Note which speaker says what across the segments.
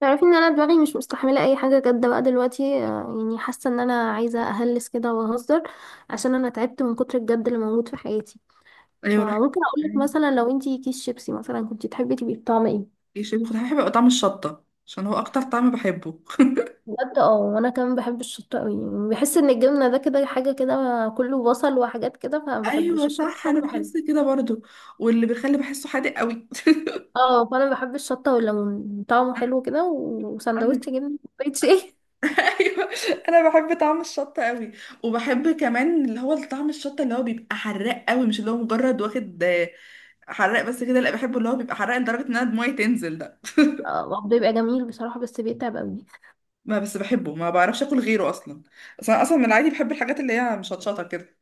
Speaker 1: تعرفي ان انا دماغي مش مستحمله اي حاجه جد بقى دلوقتي. يعني حاسه ان انا عايزه اهلس كده واهزر عشان انا تعبت من كتر الجد اللي موجود في حياتي.
Speaker 2: ايوه روح.
Speaker 1: فممكن اقول لك مثلا لو انتي كيس شيبسي مثلا كنتي تحبي تبقي بطعم ايه؟
Speaker 2: يشيل بخضار، بحب يبقى طعم الشطة عشان هو اكتر طعم بحبه.
Speaker 1: بجد اه، وانا كمان بحب الشطه قوي، يعني بحس ان الجبنه ده كده حاجه كده، كله بصل وحاجات كده فما بحبوش
Speaker 2: ايوه
Speaker 1: الشطه.
Speaker 2: صح، انا
Speaker 1: طعمه حلو.
Speaker 2: بحس كده برضو. واللي بيخلي بحسه حادق قوي
Speaker 1: اه، فانا بحب الشطه والليمون طعمه حلو كده
Speaker 2: انا ب...
Speaker 1: وسندوتش جبنه كوبايه شاي.
Speaker 2: ايوه، انا بحب طعم الشطه قوي. وبحب كمان اللي هو طعم الشطه اللي هو بيبقى حراق قوي، مش اللي هو مجرد واخد حراق بس كده، لا بحبه اللي هو بيبقى حراق لدرجه ان انا دموعي تنزل ده.
Speaker 1: بيبقى جميل بصراحه بس بيتعب قوي.
Speaker 2: ما بس بحبه، ما بعرفش اكل غيره اصلا. اصلا من العادي بحب الحاجات اللي هي مشطشطه كده.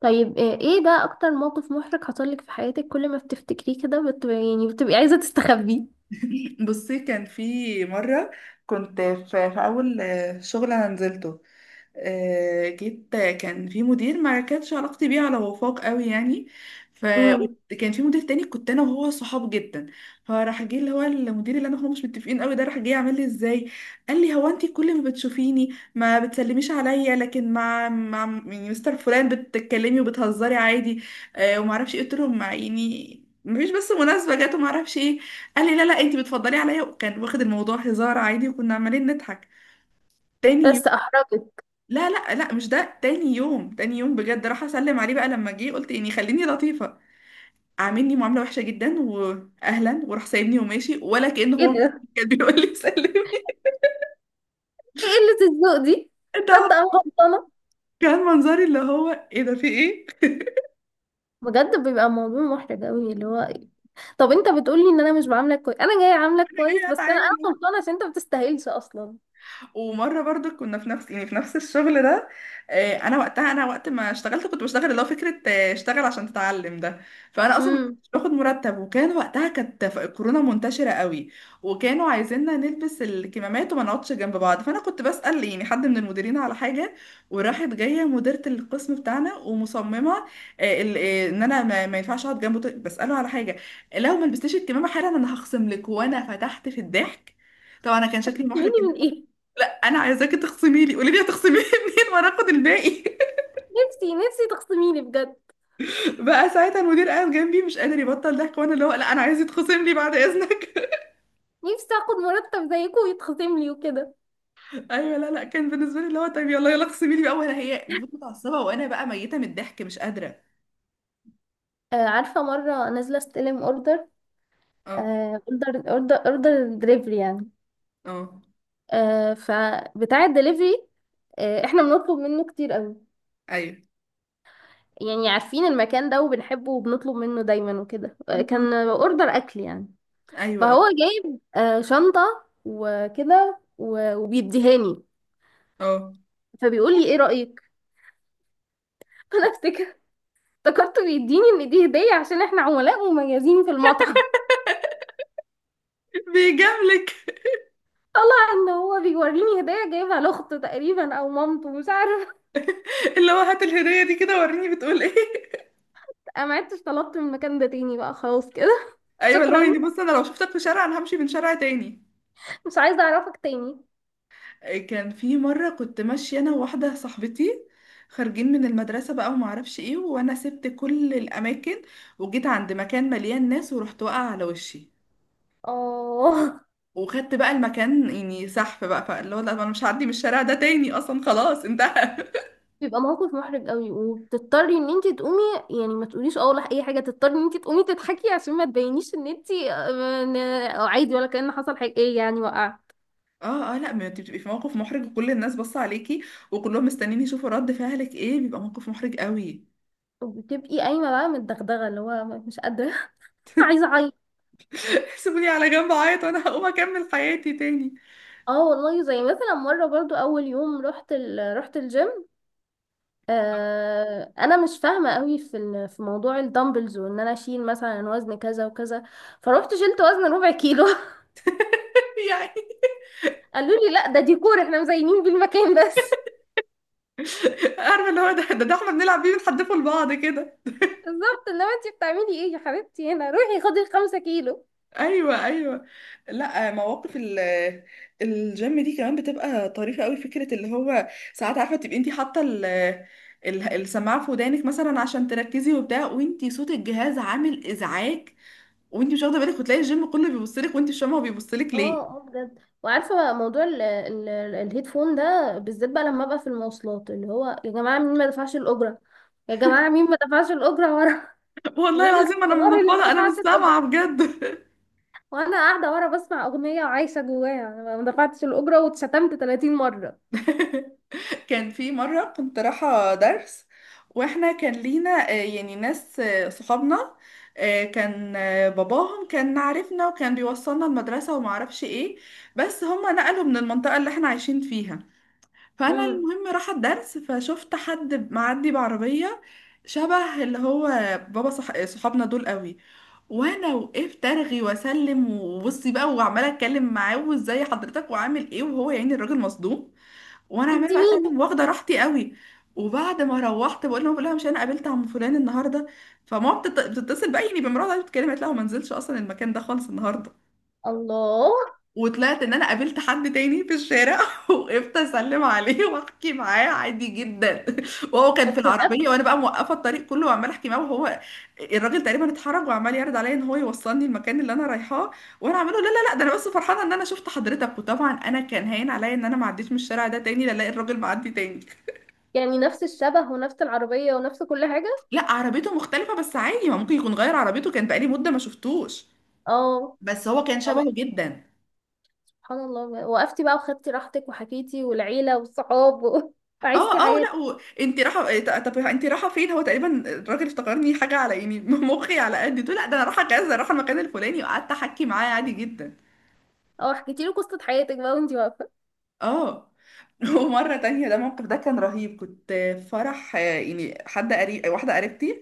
Speaker 1: طيب، ايه بقى اكتر موقف محرج حصلك في حياتك كل ما بتفتكريه كده يعني بتبقي عايزة تستخبيه؟
Speaker 2: بصي، كان في مرة كنت في أول شغل أنا نزلته. جيت، كان في مدير ما كانتش علاقتي بيه على وفاق قوي يعني.
Speaker 1: امم.
Speaker 2: فكان في مدير تاني كنت انا وهو صحاب جدا. فراح جه اللي هو المدير اللي انا وهو مش متفقين قوي ده، راح جه يعمل لي ازاي. قال لي هو انت كل ما بتشوفيني ما بتسلميش عليا، لكن مع يعني مستر فلان بتتكلمي وبتهزري عادي. وما اعرفش ايه، قلت له يعني مفيش، بس مناسبة جات وما اعرفش ايه. قال لي لا لا انت بتفضلي عليا، وكان واخد الموضوع هزار عادي، وكنا عمالين نضحك. تاني
Speaker 1: بس احرجت.
Speaker 2: لا لا لا، مش ده. تاني يوم، تاني يوم بجد راح اسلم عليه بقى لما جه، قلت يعني خليني لطيفه. عاملني معامله وحشه جدا، واهلا وراح سايبني وماشي، ولا كأن
Speaker 1: ايه
Speaker 2: هو
Speaker 1: ده؟
Speaker 2: كان بيقول لي سلمي.
Speaker 1: ايه قلة الذوق دي؟
Speaker 2: ده
Speaker 1: تصدق انا غلطانة.
Speaker 2: كان منظري اللي هو ايه ده، في ايه؟
Speaker 1: بجد بيبقى موضوع محرج قوي اللي هو. طب انت بتقولي ان انا مش بعاملك كويس، انا جاية عاملك
Speaker 2: انا
Speaker 1: كويس،
Speaker 2: ليه
Speaker 1: بس انا
Speaker 2: هتعامل؟
Speaker 1: غلطانة عشان انت ما بتستاهلش اصلا.
Speaker 2: ومره برضو كنا في نفس، يعني في نفس الشغل ده. انا وقتها، انا وقت ما اشتغلت كنت بشتغل اللي هو فكره، اشتغل عشان تتعلم ده. فانا اصلا ما
Speaker 1: امم.
Speaker 2: كنتش باخد مرتب. وكان وقتها كانت الكورونا منتشره قوي، وكانوا عايزيننا نلبس الكمامات وما نقعدش جنب بعض. فانا كنت بسال يعني حد من المديرين على حاجه، وراحت جايه مديره القسم بتاعنا ومصممه، ان انا ما ينفعش اقعد جنبه بساله على حاجه. لو ما لبستيش الكمامه حالا انا هخصم لك، وانا فتحت في الضحك. طبعا انا كان شكلي محرج.
Speaker 1: تخصميني من ايه؟
Speaker 2: انا عايزاكي تخصمي لي، قولي لي هتخصمي لي منين وانا اخد الباقي.
Speaker 1: نفسي تخصميني بجد.
Speaker 2: بقى ساعتها المدير قاعد جنبي مش قادر يبطل ضحك، وانا اللي هو لا انا عايز يتخصم لي بعد اذنك.
Speaker 1: نفسي اخد مرتب زيكم ويتخصم لي وكده.
Speaker 2: ايوه لا لا، كان بالنسبه لي اللي هو طيب يلا يلا اخصمي لي بقى، وانا هي المفروض متعصبه، وانا بقى ميته من الضحك مش قادره.
Speaker 1: عارفة مرة نازلة استلم اوردر.
Speaker 2: اه،
Speaker 1: اوردر دليفري يعني.
Speaker 2: اه،
Speaker 1: فبتاع الدليفري، احنا بنطلب منه كتير قوي،
Speaker 2: ايوه.
Speaker 1: يعني عارفين المكان ده وبنحبه وبنطلب منه دايما وكده. كان اوردر اكل يعني.
Speaker 2: ايوه، اه،
Speaker 1: فهو جايب شنطة وكده وبيديهاني.
Speaker 2: اه.
Speaker 1: فبيقول لي ايه رأيك. فانا افتكر، افتكرته بيديني ان دي هدية عشان احنا عملاء مميزين في المطعم.
Speaker 2: بيجاملك.
Speaker 1: طلع ان هو بيوريني هدية جايبها لاخته تقريبا او مامته مش عارف.
Speaker 2: اللي هو هات الهديه دي كده وريني بتقول ايه.
Speaker 1: انا ما عدتش طلبت من المكان ده تاني بقى خلاص كده.
Speaker 2: ايوه، اللي هو
Speaker 1: شكرا،
Speaker 2: يعني بص انا لو شفتك في شارع انا همشي من شارع تاني.
Speaker 1: مش عايزة اعرفك تاني.
Speaker 2: كان في مرة كنت ماشية أنا وواحدة صاحبتي، خارجين من المدرسة بقى وما اعرفش ايه، وانا سبت كل الاماكن وجيت عند مكان مليان ناس، ورحت واقعة على وشي.
Speaker 1: اه.
Speaker 2: وخدت بقى المكان يعني سحب بقى، فاللي هو لا انا مش هعدي من الشارع ده تاني اصلا، خلاص انتهى.
Speaker 1: بيبقى موقف محرج قوي وبتضطري ان انت تقومي، يعني ما تقوليش اه ولا اي حاجه، تضطري ان انت تقومي تضحكي عشان ما تبينيش ان انت إن- عادي ولا كأن حصل حاجه، ايه يعني وقع.
Speaker 2: اه اه، لا ما انت بتبقي في موقف محرج وكل الناس باصه عليكي، وكلهم مستنيين يشوفوا رد فعلك ايه، بيبقى موقف محرج قوي.
Speaker 1: وبتبقي قايمه بقى متدغدغه اللي هو مش قادره. عايزه اعيط.
Speaker 2: سيبوني على جنب اعيط وانا هقوم اكمل حياتي تاني.
Speaker 1: اه والله، زي مثلا مره برضو اول يوم رحت رحت الجيم. آه، انا مش فاهمه قوي في في موضوع الدمبلز وان انا اشيل مثلا وزن كذا وكذا. فروحت شلت وزن ربع كيلو.
Speaker 2: يعني
Speaker 1: قالوا لي لا ده ديكور احنا مزينين بالمكان بس.
Speaker 2: عارفه اللي هو ده احنا بنلعب بيه بنحدفه لبعض كده.
Speaker 1: بالظبط، انما انت بتعملي ايه يا حبيبتي، هنا روحي خدي الخمسة كيلو.
Speaker 2: ايوه ايوه. لا مواقف الجيم دي كمان بتبقى طريفه قوي فكره. اللي هو ساعات عارفه تبقي انت حاطه السماعه في ودانك مثلا عشان تركزي وبتاع، وانت صوت الجهاز عامل ازعاج وانت مش واخده بالك، وتلاقي الجيم كله بيبص لك وانت مش فاهمه هو بيبص لك
Speaker 1: اه
Speaker 2: ليه.
Speaker 1: اه بجد. وعارفه موضوع الهيدفون ده بالذات بقى لما ابقى في المواصلات، اللي هو يا جماعه مين ما دفعش الاجره، يا جماعه مين ما دفعش الاجره ورا.
Speaker 2: والله
Speaker 1: مين
Speaker 2: العظيم انا
Speaker 1: الحوار اللي ما
Speaker 2: منفضه، انا مش
Speaker 1: دفعش الاجره؟
Speaker 2: سامعه بجد.
Speaker 1: وانا قاعده ورا بسمع اغنيه وعايشه جواها أنا ما دفعتش الاجره، واتشتمت 30 مره.
Speaker 2: كان في مرة كنت رايحة درس، واحنا كان لينا يعني ناس، صحابنا، آه، كان آه، باباهم كان عارفنا وكان بيوصلنا المدرسة ومعرفش ايه. بس هما نقلوا من المنطقة اللي احنا عايشين فيها. فأنا
Speaker 1: امم.
Speaker 2: المهم رايحة الدرس، فشفت حد معدي بعربية شبه اللي هو صحابنا دول قوي. وانا وقفت ارغي واسلم وبصي بقى، وعماله اتكلم معاه وازاي حضرتك وعامل ايه، وهو يعني الراجل مصدوم، وانا
Speaker 1: انت
Speaker 2: عماله بقى
Speaker 1: مين؟
Speaker 2: اسلم واخده راحتي قوي. وبعد ما روحت بقول لهم، بقول لها مش انا قابلت عم فلان النهارده؟ فماما بتتصل بقى يعني بمراتها قاعدة بتتكلم، قالت لها هو ما نزلش اصلا المكان ده خالص النهارده.
Speaker 1: الله.
Speaker 2: وطلعت ان انا قابلت حد تاني في الشارع وقفت اسلم عليه واحكي معاه عادي جدا. وهو كان
Speaker 1: بس
Speaker 2: في العربيه،
Speaker 1: نفس،
Speaker 2: وانا بقى موقفه الطريق كله وعماله احكي معاه، وهو الراجل تقريبا اتحرج وعمال يعرض عليا ان هو يوصلني المكان اللي انا رايحاه. وانا عامله لا لا لا، ده انا بس فرحانه ان انا شفت حضرتك، وطبعا انا كان هاين عليا ان انا ما عديتش من الشارع ده تاني لا الاقي الراجل معدي تاني.
Speaker 1: يعني نفس الشبه ونفس العربيه ونفس كل حاجه.
Speaker 2: لا عربيته مختلفة، بس عادي، ما ممكن يكون غير عربيته، كان بقالي مدة ما شفتوش.
Speaker 1: اه.
Speaker 2: بس هو كان شبهه
Speaker 1: عملت،
Speaker 2: جدا.
Speaker 1: سبحان الله، وقفتي بقى وخدتي راحتك وحكيتي والعيلة والصحاب
Speaker 2: اه
Speaker 1: وعشتي
Speaker 2: اه، لا
Speaker 1: حياتك.
Speaker 2: و... انت رايحة إيه، طب انت رايحة فين؟ هو تقريبا الراجل افتكرني حاجة على يعني مخي على قد ده، لا ده انا رايحة كذا، رايحة المكان الفلاني، وقعدت احكي معاه عادي جدا.
Speaker 1: اه، حكيتي له قصة حياتك بقى وانتي واقفة.
Speaker 2: اه. ومرة تانية، ده الموقف ده كان رهيب. كنت في فرح، يعني حد قريب، واحدة قريبتي.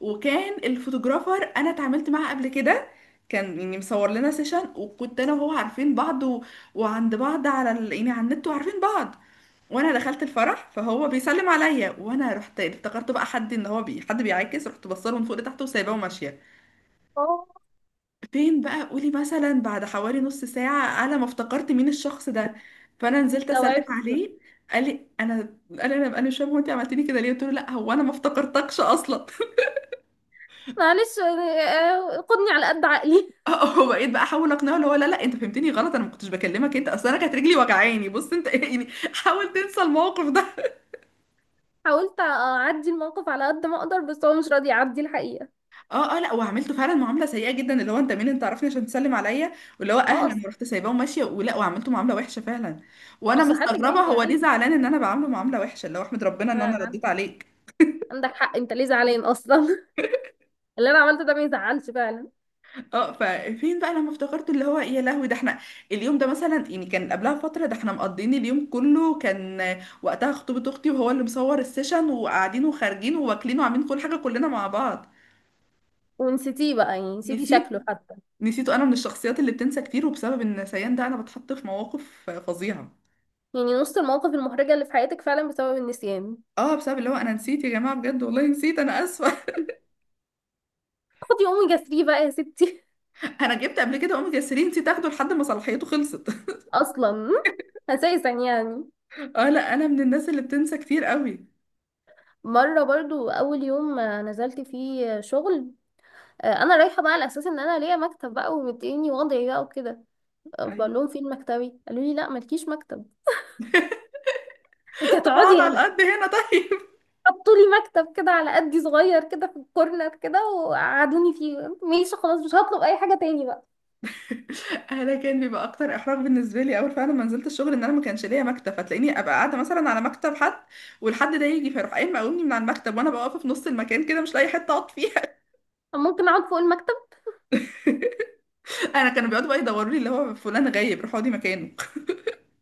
Speaker 2: وكان الفوتوغرافر انا اتعاملت معاه قبل كده، كان يعني مصور لنا سيشن، وكنت انا وهو عارفين بعض وعند بعض على يعني على النت، وعارفين بعض. وانا دخلت الفرح فهو بيسلم عليا، وانا رحت افتكرت بقى حد ان هو حد بيعاكس، رحت بصله من فوق لتحت وسايباه وماشية.
Speaker 1: اه.
Speaker 2: فين بقى؟ قولي مثلا بعد حوالي نص ساعة، على ما افتكرت مين الشخص ده، فأنا نزلت أسلم
Speaker 1: استوعبت بقى.
Speaker 2: عليه. قال لي أنا، أنا مش فاهمة هو أنت عملتيني كده ليه؟ قلت له لا، هو أنا ما افتكرتكش أصلا.
Speaker 1: معلش، خدني على قد عقلي.
Speaker 2: وبقيت بقى أحاول أقنعه اللي هو لا لا، أنت فهمتني غلط، أنا ما كنتش بكلمك أنت، أصل أنا كانت رجلي وجعاني، بص أنت يعني حاول تنسى الموقف ده.
Speaker 1: حاولت اعدي الموقف على قد ما اقدر بس هو مش راضي يعدي الحقيقة.
Speaker 2: اه اه، لا وعملته فعلا معامله سيئه جدا، اللي هو انت مين؟ انت عارفني عشان تسلم عليا؟ واللي هو
Speaker 1: اه،
Speaker 2: اهلا،
Speaker 1: اصل،
Speaker 2: ورحت سايباه وماشيه ولا، وعملته معامله وحشه فعلا. وانا
Speaker 1: اصل حد
Speaker 2: مستغربه
Speaker 1: جاي
Speaker 2: هو ليه
Speaker 1: يعيك.
Speaker 2: زعلان ان انا بعامله معامله وحشه، اللي هو احمد ربنا ان
Speaker 1: أنا-
Speaker 2: انا
Speaker 1: أنا
Speaker 2: رديت عليك.
Speaker 1: عندك حق، انت ليه زعلان اصلا؟ اللي انا عملته ده ما يزعلش فعلا.
Speaker 2: اه. ففين بقى لما افتكرت اللي هو يا لهوي، ده احنا اليوم ده مثلا، يعني كان قبلها فتره ده احنا مقضيين اليوم كله، كان وقتها خطوبه اختي وهو اللي مصور السيشن، وقاعدين وخارجين وواكلين وعاملين كل حاجه كلنا مع بعض.
Speaker 1: ونسيتيه بقى، يعني نسيتي
Speaker 2: نسيت.
Speaker 1: شكله حتى؟
Speaker 2: نسيته. انا من الشخصيات اللي بتنسى كتير، وبسبب النسيان ده انا بتحط في مواقف فظيعه.
Speaker 1: يعني نص المواقف المحرجة اللي في حياتك فعلا بسبب النسيان.
Speaker 2: اه، بسبب اللي هو انا نسيت، يا جماعه بجد والله نسيت، انا اسفه.
Speaker 1: خدي اوميجا 3 بقى يا ستي.
Speaker 2: انا جبت قبل كده اوميجا 3 نسيت اخده لحد ما صلاحيته خلصت.
Speaker 1: اصلا، اساسا يعني.
Speaker 2: اه لا، انا من الناس اللي بتنسى كتير قوي.
Speaker 1: مره برضو اول يوم نزلت فيه شغل. انا رايحه بقى على اساس ان انا ليا مكتب بقى ومديني وضعي بقى وكده.
Speaker 2: ايوه.
Speaker 1: بقول لهم فين مكتبي، قالوا لي لا مالكيش مكتب، انت
Speaker 2: طب اقعد
Speaker 1: هتقعدي
Speaker 2: على
Speaker 1: هنا.
Speaker 2: القد هنا طيب.
Speaker 1: حطوا لي مكتب كده على قدي صغير كده في الكورنر كده وقعدوني فيه. ماشي خلاص مش هطلب اي حاجه تاني بقى.
Speaker 2: انا كان بيبقى اكتر احراج بالنسبه لي اول فعلا ما نزلت الشغل ان انا ما كانش ليا مكتب، فتلاقيني ابقى قاعده مثلا على مكتب حد، والحد ده يجي فيروح قايم مقومني من على المكتب، وانا بقى واقفه في نص المكان كده مش لاقي حته اقعد فيها.
Speaker 1: طب ممكن اقعد فوق المكتب؟
Speaker 2: انا كانوا بيقعدوا بقى يدوروا لي اللي هو فلان غايب روح اقعدي مكانه.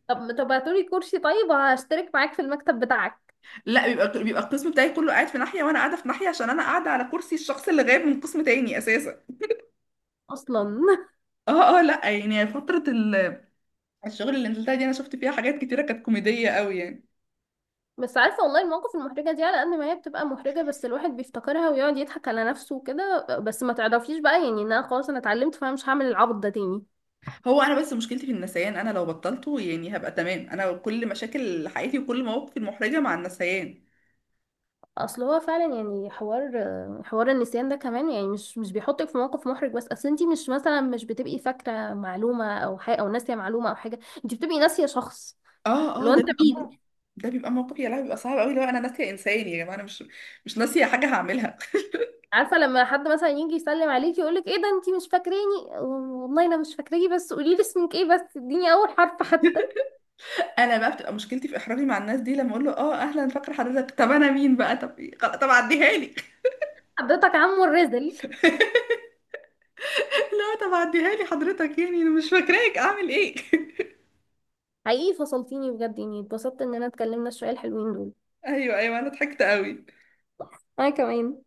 Speaker 1: طب، هاتولي كرسي طيب، هشترك معاك في المكتب بتاعك.
Speaker 2: لا، بيبقى بيبقى القسم بتاعي كله قاعد في ناحيه، وانا قاعده في ناحيه عشان انا قاعده على كرسي الشخص اللي غايب من قسم تاني اساسا.
Speaker 1: اصلا.
Speaker 2: اه اه، لا يعني فترة الشغل اللي نزلتها دي انا شفت فيها حاجات كتيرة كانت كوميدية قوي يعني.
Speaker 1: بس عارفة والله، المواقف المحرجة دي على قد ما هي بتبقى محرجة بس الواحد بيفتكرها ويقعد يضحك على نفسه وكده، بس ما تعرفيش بقى يعني ان انا خلاص انا اتعلمت فانا مش هعمل العبط ده تاني.
Speaker 2: هو انا بس مشكلتي في النسيان، انا لو بطلته يعني هبقى تمام، انا كل مشاكل حياتي وكل مواقفي المحرجة مع النسيان.
Speaker 1: اصل هو فعلا يعني حوار، حوار النسيان ده كمان يعني مش بيحطك في موقف محرج بس، اصل انتي مش مثلا مش بتبقي فاكرة معلومة او حاجة او ناسية معلومة او حاجة، انتي بتبقي ناسية شخص.
Speaker 2: اه
Speaker 1: اللي
Speaker 2: اه،
Speaker 1: هو
Speaker 2: ده
Speaker 1: انت
Speaker 2: بيبقى موقف،
Speaker 1: مين.
Speaker 2: ده بيبقى موقف يا لهوي، بيبقى صعب قوي لو انا ناسية انسان، يا جماعة انا مش ناسية حاجة هعملها.
Speaker 1: عارفة لما حد مثلا يجي يسلم عليكي يقولك ايه ده انتي مش فاكراني؟ والله انا مش فاكراكي بس قوليلي اسمك ايه، بس اديني اول حرف حتى.
Speaker 2: انا بقى بتبقى مشكلتي في احراجي مع الناس دي لما اقول له اه اهلا فاكر حضرتك، طب انا مين بقى؟ طب إيه؟ خلاص، طب عديها لي.
Speaker 1: حضرتك عمو الرزل.
Speaker 2: لا طب عديها لي حضرتك، يعني انا مش فاكراك اعمل ايه؟
Speaker 1: حقيقي فصلتيني بجد، يعني اتبسطت ان انا اتكلمنا شوية الحلوين دول.
Speaker 2: ايوه ايوه، انا ضحكت قوي.
Speaker 1: انا كمان.